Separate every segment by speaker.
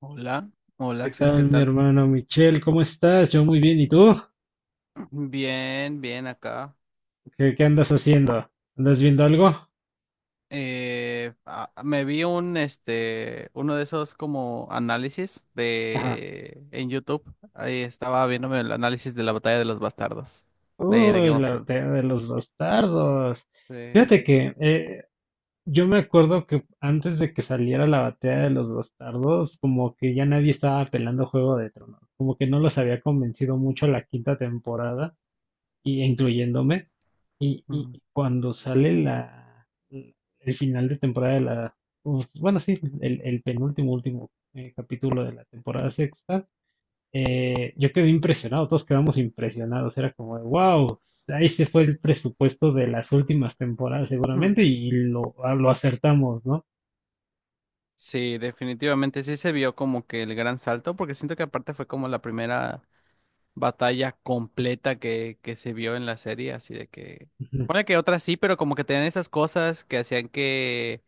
Speaker 1: Hola, hola
Speaker 2: ¿Qué
Speaker 1: Axel, ¿qué
Speaker 2: tal, mi
Speaker 1: tal?
Speaker 2: hermano Michelle? ¿Cómo estás? Yo muy bien. ¿Y tú?
Speaker 1: Bien, bien acá.
Speaker 2: ¿Qué andas haciendo? ¿Andas viendo algo?
Speaker 1: Me vi un uno de esos como análisis
Speaker 2: Ajá.
Speaker 1: de en YouTube. Ahí estaba viéndome el análisis de la batalla de los bastardos de
Speaker 2: Uy,
Speaker 1: Game of
Speaker 2: la
Speaker 1: Thrones.
Speaker 2: batalla de los bastardos.
Speaker 1: Sí.
Speaker 2: Fíjate que yo me acuerdo que antes de que saliera la batalla de los bastardos, como que ya nadie estaba pelando Juego de Tronos. Como que no los había convencido mucho la quinta temporada. Y incluyéndome. Y
Speaker 1: Ujú.
Speaker 2: cuando sale el final de temporada de pues, bueno, sí, el penúltimo, último capítulo de la temporada sexta, yo quedé impresionado, todos quedamos impresionados, era como, wow, ahí se fue el presupuesto de las últimas temporadas
Speaker 1: Ujú.
Speaker 2: seguramente y lo acertamos, ¿no?
Speaker 1: Sí, definitivamente sí se vio como que el gran salto, porque siento que aparte fue como la primera batalla completa que se vio en la serie, así de que pone que otras sí, pero como que tenían estas cosas que hacían que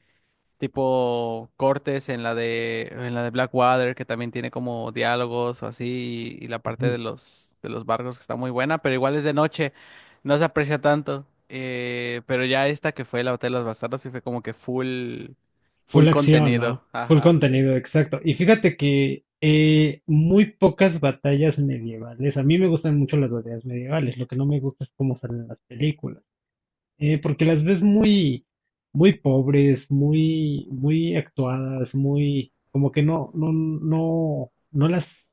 Speaker 1: tipo cortes en la de Blackwater, que también tiene como diálogos o así, y la parte de los barcos, que está muy buena, pero igual es de noche, no se aprecia tanto. Pero ya esta que fue la Hotel de los Bastardos sí fue como que full
Speaker 2: Full
Speaker 1: full
Speaker 2: acción, ¿no?
Speaker 1: contenido.
Speaker 2: Full
Speaker 1: Ajá, sí.
Speaker 2: contenido, exacto. Y fíjate que muy pocas batallas medievales. A mí me gustan mucho las batallas medievales. Lo que no me gusta es cómo salen las películas. Porque las ves muy pobres, muy actuadas, muy, como que no las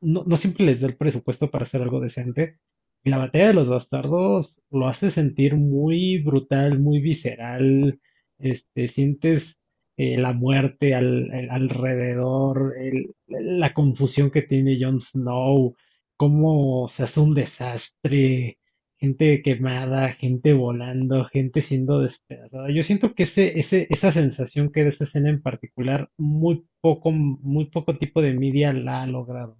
Speaker 2: no siempre les da el presupuesto para hacer algo decente. Y la batalla de los bastardos lo hace sentir muy brutal, muy visceral. Este, sientes la muerte alrededor, la confusión que tiene Jon Snow, cómo se hace un desastre, gente quemada, gente volando, gente siendo despedazada. Yo siento que esa sensación que da esa escena en particular, muy poco tipo de media la ha logrado.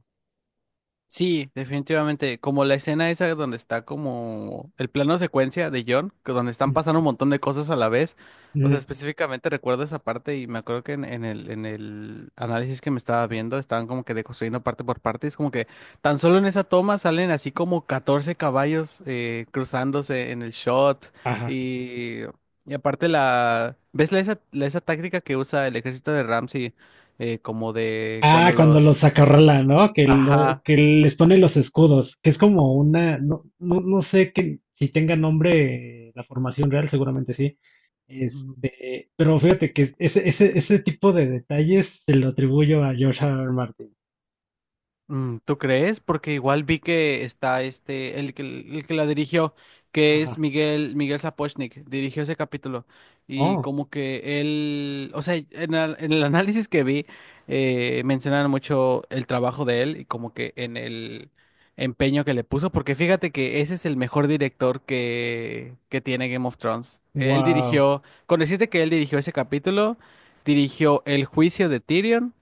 Speaker 1: Sí, definitivamente. Como la escena esa donde está como el plano secuencia de John, que donde están
Speaker 2: Ujú,
Speaker 1: pasando un montón de cosas a la vez. O sea,
Speaker 2: ujú.
Speaker 1: específicamente recuerdo esa parte y me acuerdo que en el análisis que me estaba viendo estaban como que deconstruyendo parte por parte. Es como que tan solo en esa toma salen así como 14 caballos cruzándose en el shot.
Speaker 2: Ajá.
Speaker 1: Y, y aparte la... ¿Ves la, esa, esa táctica que usa el ejército de Ramsey como de
Speaker 2: Ah,
Speaker 1: cuando
Speaker 2: cuando los
Speaker 1: los...
Speaker 2: acorrala, ¿no?
Speaker 1: Ajá.
Speaker 2: Que les pone los escudos, que es como una, no sé que, si tenga nombre la formación real, seguramente sí. Este, pero fíjate que ese tipo de detalles se lo atribuyo a George R. R. Martin.
Speaker 1: Mm, ¿tú crees? Porque igual vi que está este, el que la dirigió, que es
Speaker 2: Ajá.
Speaker 1: Miguel, Miguel Sapochnik, dirigió ese capítulo. Y
Speaker 2: Oh,
Speaker 1: como que él, o sea, en el análisis que vi, mencionan mucho el trabajo de él y como que en el empeño que le puso, porque fíjate que ese es el mejor director que tiene Game of Thrones. Él
Speaker 2: wow.
Speaker 1: dirigió, con decirte que él dirigió ese capítulo, dirigió El juicio de Tyrion.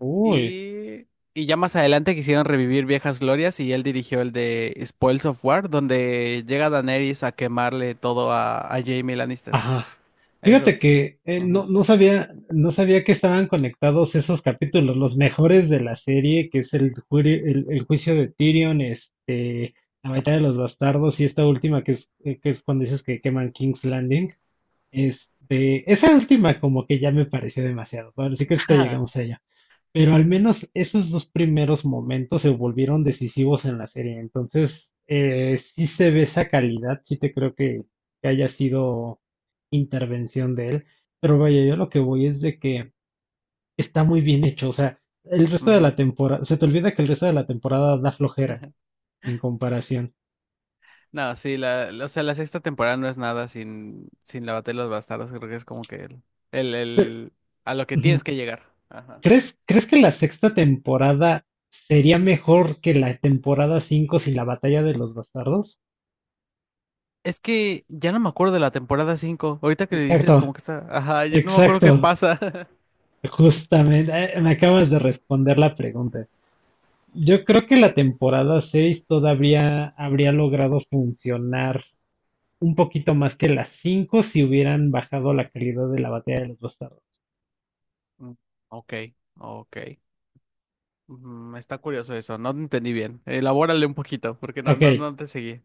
Speaker 2: Uy.
Speaker 1: Y, y ya más adelante quisieron revivir viejas glorias y él dirigió el de Spoils of War, donde llega Daenerys a quemarle todo a Jaime Lannister.
Speaker 2: Ajá.
Speaker 1: A
Speaker 2: Fíjate
Speaker 1: esos.
Speaker 2: que
Speaker 1: Ujú.
Speaker 2: no sabía, no sabía que estaban conectados esos capítulos, los mejores de la serie, que es el juicio de Tyrion, este, la batalla de los bastardos y esta última que es cuando dices que queman King's Landing. Este, esa última como que ya me pareció demasiado. Ahora sí que ahorita llegamos allá. Pero al menos esos dos primeros momentos se volvieron decisivos en la serie. Entonces, sí se ve esa calidad, sí te creo que haya sido intervención de él. Pero vaya, yo lo que voy es de que está muy bien hecho. O sea, el resto de
Speaker 1: Ujú.
Speaker 2: la temporada, se te olvida que el resto de la temporada da flojera en comparación.
Speaker 1: No, sí, la, o sea, la sexta temporada no es nada sin, sin la batalla de los bastardos. Creo que es como que el,
Speaker 2: Pero,
Speaker 1: el- a lo que tienes
Speaker 2: ujú,
Speaker 1: que llegar. Ajá.
Speaker 2: ¿crees que la sexta temporada sería mejor que la temporada 5 sin la batalla de los bastardos?
Speaker 1: Es que ya no me acuerdo de la temporada cinco. Ahorita que le dices
Speaker 2: Exacto,
Speaker 1: como que está, ajá, yo no me acuerdo qué
Speaker 2: exacto.
Speaker 1: pasa.
Speaker 2: Justamente, me acabas de responder la pregunta. Yo creo que la temporada 6 todavía habría logrado funcionar un poquito más que las 5 si hubieran bajado la calidad de la batalla de los bastardos.
Speaker 1: Mm, ok, ok. Mm, está curioso eso, no te entendí bien. Elabórale un poquito, porque no,
Speaker 2: Ok,
Speaker 1: no, no te seguí.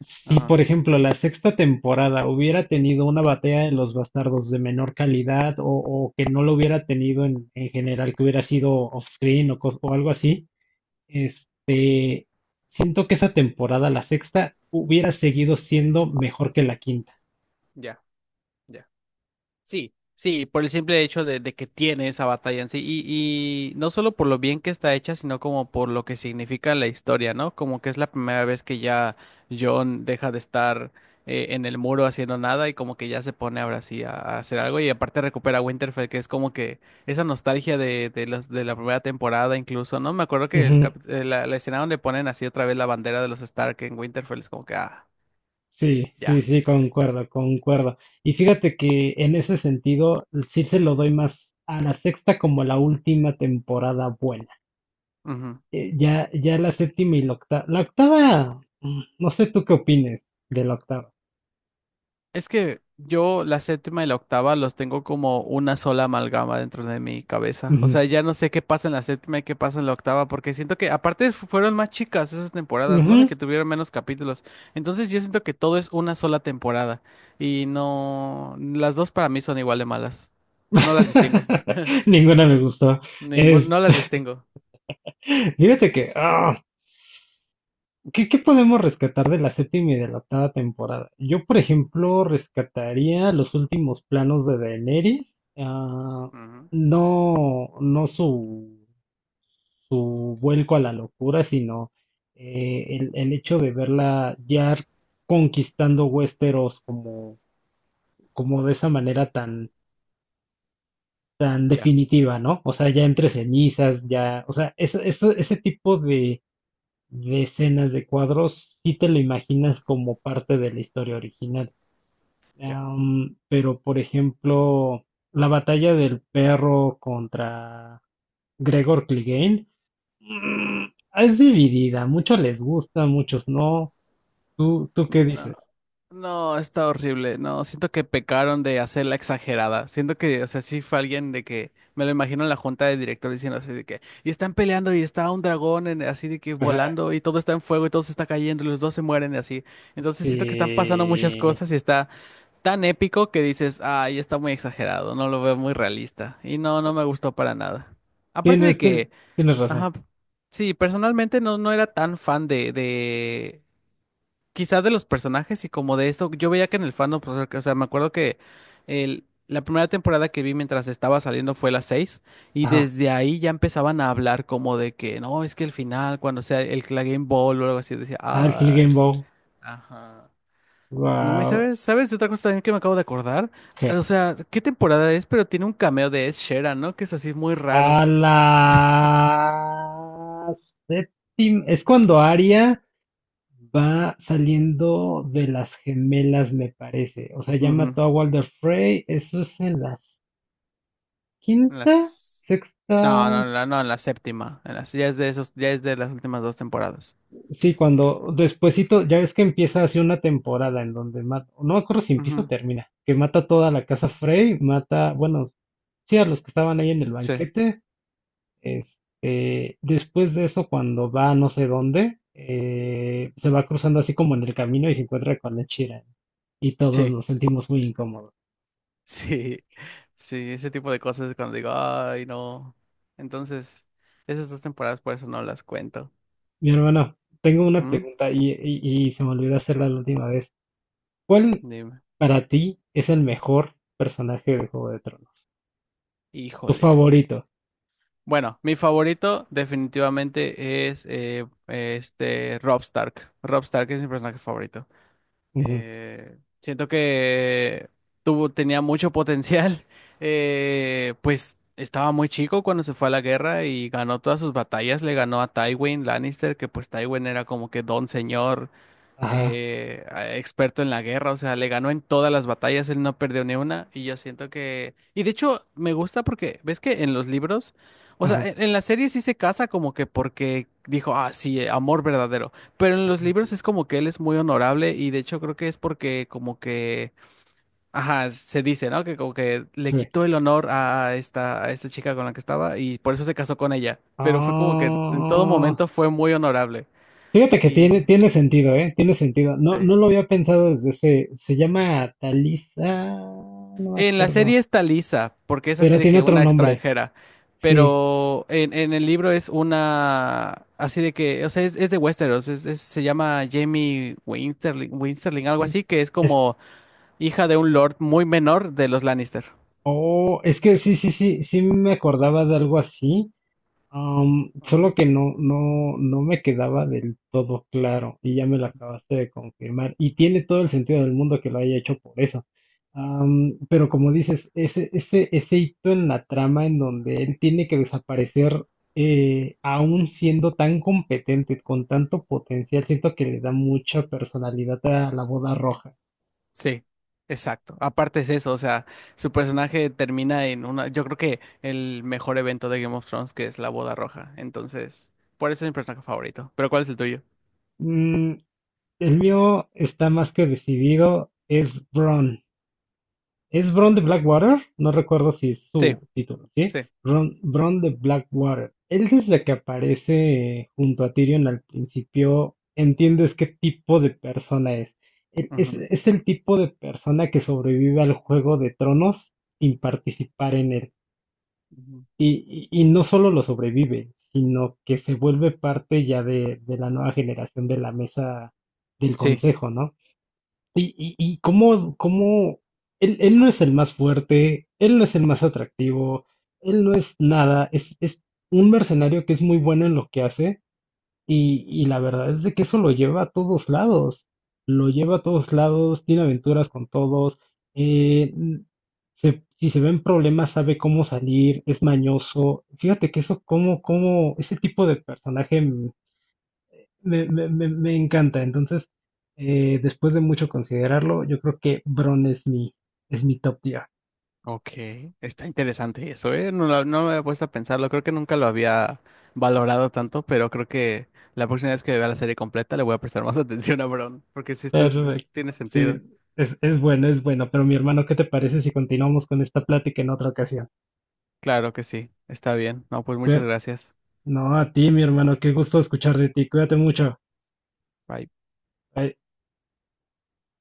Speaker 2: si
Speaker 1: Ajá,
Speaker 2: por ejemplo la sexta temporada hubiera tenido una batalla de los bastardos de menor calidad o que no lo hubiera tenido en general, que hubiera sido off-screen o, cos- o algo así. Este, siento que esa temporada, la sexta, hubiera seguido siendo mejor que la quinta.
Speaker 1: ya, ya. Sí, sí, por el simple hecho de que tiene esa batalla en sí. Y no solo por lo bien que está hecha, sino como por lo que significa la historia, ¿no? Como que es la primera vez que ya John deja de estar en el muro haciendo nada, y como que ya se pone ahora sí a hacer algo. Y aparte recupera Winterfell, que es como que esa nostalgia de, de la primera temporada incluso, ¿no? Me acuerdo que
Speaker 2: Ujú.
Speaker 1: la escena donde ponen así otra vez la bandera de los Stark en Winterfell es como que, ah,
Speaker 2: Sí, sí,
Speaker 1: ya.
Speaker 2: sí, concuerdo, concuerdo. Y fíjate que en ese sentido, sí se lo doy más a la sexta como la última temporada buena.
Speaker 1: Sí.
Speaker 2: Ya la séptima y la octava. La octava, mm, no sé tú qué opines de la octava.
Speaker 1: Es que yo la séptima y la octava los tengo como una sola amalgama dentro de mi cabeza. O
Speaker 2: Ujú.
Speaker 1: sea, ya no sé qué pasa en la séptima y qué pasa en la octava, porque siento que aparte fueron más chicas esas temporadas, ¿no? De
Speaker 2: Ujú.
Speaker 1: que tuvieron menos capítulos. Entonces yo siento que todo es una sola temporada, y no, las dos para mí son igual de malas. No las distingo.
Speaker 2: Ninguna me gustó.
Speaker 1: Ningún,
Speaker 2: Es,
Speaker 1: no las distingo.
Speaker 2: fíjate que, ah, ¿qué, qué podemos rescatar de la séptima y de la octava temporada? Yo, por ejemplo, rescataría los últimos planos de Daenerys. Ah,
Speaker 1: Ujú,
Speaker 2: no, no su, su vuelco a la locura, sino el hecho de verla ya conquistando Westeros como, como de esa manera tan
Speaker 1: ya,
Speaker 2: definitiva, ¿no? O sea, ya entre cenizas, ya, o sea, ese tipo de decenas de cuadros, sí te lo imaginas como parte de la historia original.
Speaker 1: ya.
Speaker 2: Am, pero, por ejemplo, la batalla del perro contra Gregor Clegane, mm, es dividida. Muchos les gusta, muchos no. ¿Tú qué
Speaker 1: No.
Speaker 2: dices?
Speaker 1: No, está horrible. No, siento que pecaron de hacerla exagerada. Siento que, o sea, sí fue alguien de que me lo imagino en la junta de directores diciendo así de que y están peleando y está un dragón así de que
Speaker 2: Ajá,
Speaker 1: volando y todo está en fuego y todo se está cayendo y los dos se mueren y así. Entonces siento que están pasando muchas
Speaker 2: sí.
Speaker 1: cosas y está tan épico que dices, ay, está muy exagerado, no lo veo muy realista. Y no, no me gustó para nada. Aparte de que,
Speaker 2: Tienes razón.
Speaker 1: ajá, sí, personalmente no, no era tan fan de quizá de los personajes y como de esto. Yo veía que en el fandom, pues, o sea, me acuerdo que la primera temporada que vi mientras estaba saliendo fue la seis, y
Speaker 2: Ajá.
Speaker 1: desde ahí ya empezaban a hablar como de que, no, es que el final, cuando sea la Game Ball o algo así, decía,
Speaker 2: Al Clegane
Speaker 1: ay,
Speaker 2: Bow.
Speaker 1: ajá. No, y
Speaker 2: Wow.
Speaker 1: sabes, sabes de otra cosa también que me acabo de acordar,
Speaker 2: ¿Qué?
Speaker 1: o sea, ¿qué temporada es? Pero tiene un cameo de Ed Sheeran, ¿no? Que es así muy
Speaker 2: A
Speaker 1: raro.
Speaker 2: la séptima. Es cuando Arya va saliendo de las gemelas, me parece. O sea, ya
Speaker 1: Ujú.
Speaker 2: mató a Walder Frey. Eso es en la
Speaker 1: En
Speaker 2: quinta,
Speaker 1: las...
Speaker 2: sexta.
Speaker 1: No, no, no, no, en la séptima, en las... ya es de esos, ya es de las últimas dos temporadas.
Speaker 2: Sí, cuando despuesito, ya ves que empieza así una temporada en donde mata, no me acuerdo si empieza o
Speaker 1: Ujú.
Speaker 2: termina, que mata toda la casa Frey, mata, bueno, sí, a los que estaban ahí en el
Speaker 1: Sí.
Speaker 2: banquete. Este, después de eso, cuando va a no sé dónde, se va cruzando así como en el camino y se encuentra con la Chira. Y todos
Speaker 1: Sí,
Speaker 2: nos sentimos muy incómodos.
Speaker 1: sí, sí, ese tipo de cosas es cuando digo, ay, no. Entonces, esas dos temporadas por eso no las cuento.
Speaker 2: Mi hermano, tengo una
Speaker 1: ¿Mm?
Speaker 2: pregunta y, se me olvidó hacerla la última vez. ¿Cuál
Speaker 1: Dime.
Speaker 2: para ti es el mejor personaje de Juego de Tronos? Tu
Speaker 1: Híjole.
Speaker 2: favorito.
Speaker 1: Bueno, mi favorito definitivamente es Rob Stark. Rob Stark es mi personaje favorito.
Speaker 2: Ujú.
Speaker 1: Siento que tuvo, tenía mucho potencial. Pues estaba muy chico cuando se fue a la guerra y ganó todas sus batallas. Le ganó a Tywin Lannister, que pues Tywin era como que don señor,
Speaker 2: Ajá,
Speaker 1: experto en la guerra. O sea, le ganó en todas las batallas, él no perdió ni una, y yo siento que... Y de hecho, me gusta porque, ¿ves que en los libros, o sea,
Speaker 2: ajá.
Speaker 1: en la serie sí se casa como que porque dijo, ah, sí, amor verdadero, pero en los libros es como que él es muy honorable, y de hecho creo que es porque como que, ajá, se dice, ¿no?, que como que le
Speaker 2: Sí.
Speaker 1: quitó el honor a esta chica con la que estaba, y por eso se casó con ella, pero fue como que en todo
Speaker 2: Ah,
Speaker 1: momento fue muy honorable
Speaker 2: fíjate que
Speaker 1: y...
Speaker 2: tiene sentido, ¿eh? Tiene sentido. No,
Speaker 1: sí.
Speaker 2: no lo había pensado desde ese. Se llama Talisa. No me
Speaker 1: En la
Speaker 2: acuerdo.
Speaker 1: serie está Lisa, porque es así
Speaker 2: Pero
Speaker 1: de
Speaker 2: tiene
Speaker 1: que
Speaker 2: otro
Speaker 1: una
Speaker 2: nombre.
Speaker 1: extranjera,
Speaker 2: Sí,
Speaker 1: pero en el libro es una, así de que, o sea, es de Westeros, se llama Jamie Winterling, Winsterling, algo
Speaker 2: sí.
Speaker 1: así, que es
Speaker 2: Es,
Speaker 1: como hija de un lord muy menor de los Lannister.
Speaker 2: oh, es que sí, sí, sí, sí me acordaba de algo así. Am,
Speaker 1: Ujú.
Speaker 2: solo que no me quedaba del todo claro y ya me lo acabaste de confirmar. Y tiene todo el sentido del mundo que lo haya hecho por eso. Am, pero como dices, ese hito en la trama en donde él tiene que desaparecer, aún siendo tan competente, con tanto potencial, siento que le da mucha personalidad a la boda roja.
Speaker 1: Sí, exacto. Aparte es eso, o sea, su personaje termina en una, yo creo que el mejor evento de Game of Thrones, que es la boda roja. Entonces, por eso es mi personaje favorito. Pero ¿cuál es el tuyo?
Speaker 2: Mm, el mío está más que decidido, es Bron. Es Bron de Blackwater, no recuerdo si es
Speaker 1: Sí,
Speaker 2: su título, ¿sí?
Speaker 1: sí.
Speaker 2: Bron, Bron de Blackwater. Él desde que aparece junto a Tyrion al principio, entiendes qué tipo de persona es. Él Es,
Speaker 1: Ujú.
Speaker 2: es el tipo de persona que sobrevive al Juego de Tronos sin participar en él.
Speaker 1: Ujú.
Speaker 2: Y no solo lo sobrevive, sino que se vuelve parte ya de la nueva generación de la mesa del
Speaker 1: Sí.
Speaker 2: consejo, ¿no? Y cómo, cómo él, él no es el más fuerte, él no es el más atractivo, él no es nada, es un mercenario que es muy bueno en lo que hace y la verdad es de que eso lo lleva a todos lados, lo lleva a todos lados, tiene aventuras con todos, eh, si se ven problemas sabe cómo salir, es mañoso. Fíjate que eso, cómo, cómo, ese tipo de personaje me encanta. Entonces, después de mucho considerarlo, yo creo que Bron es mi top tier.
Speaker 1: Ok, está interesante eso, ¿eh? No, no me había puesto a pensarlo, creo que nunca lo había valorado tanto, pero creo que la próxima vez que vea la serie completa le voy a prestar más atención a Bron, porque si
Speaker 2: Perfecto.
Speaker 1: tiene
Speaker 2: Sí,
Speaker 1: sentido.
Speaker 2: es bueno, es bueno. Pero mi hermano, ¿qué te parece si continuamos con esta plática en otra ocasión?
Speaker 1: Claro que sí, está bien. No, pues
Speaker 2: Cu-
Speaker 1: muchas gracias.
Speaker 2: No, a ti, mi hermano, qué gusto escuchar de ti. Cuídate mucho.
Speaker 1: Bye.
Speaker 2: Bye.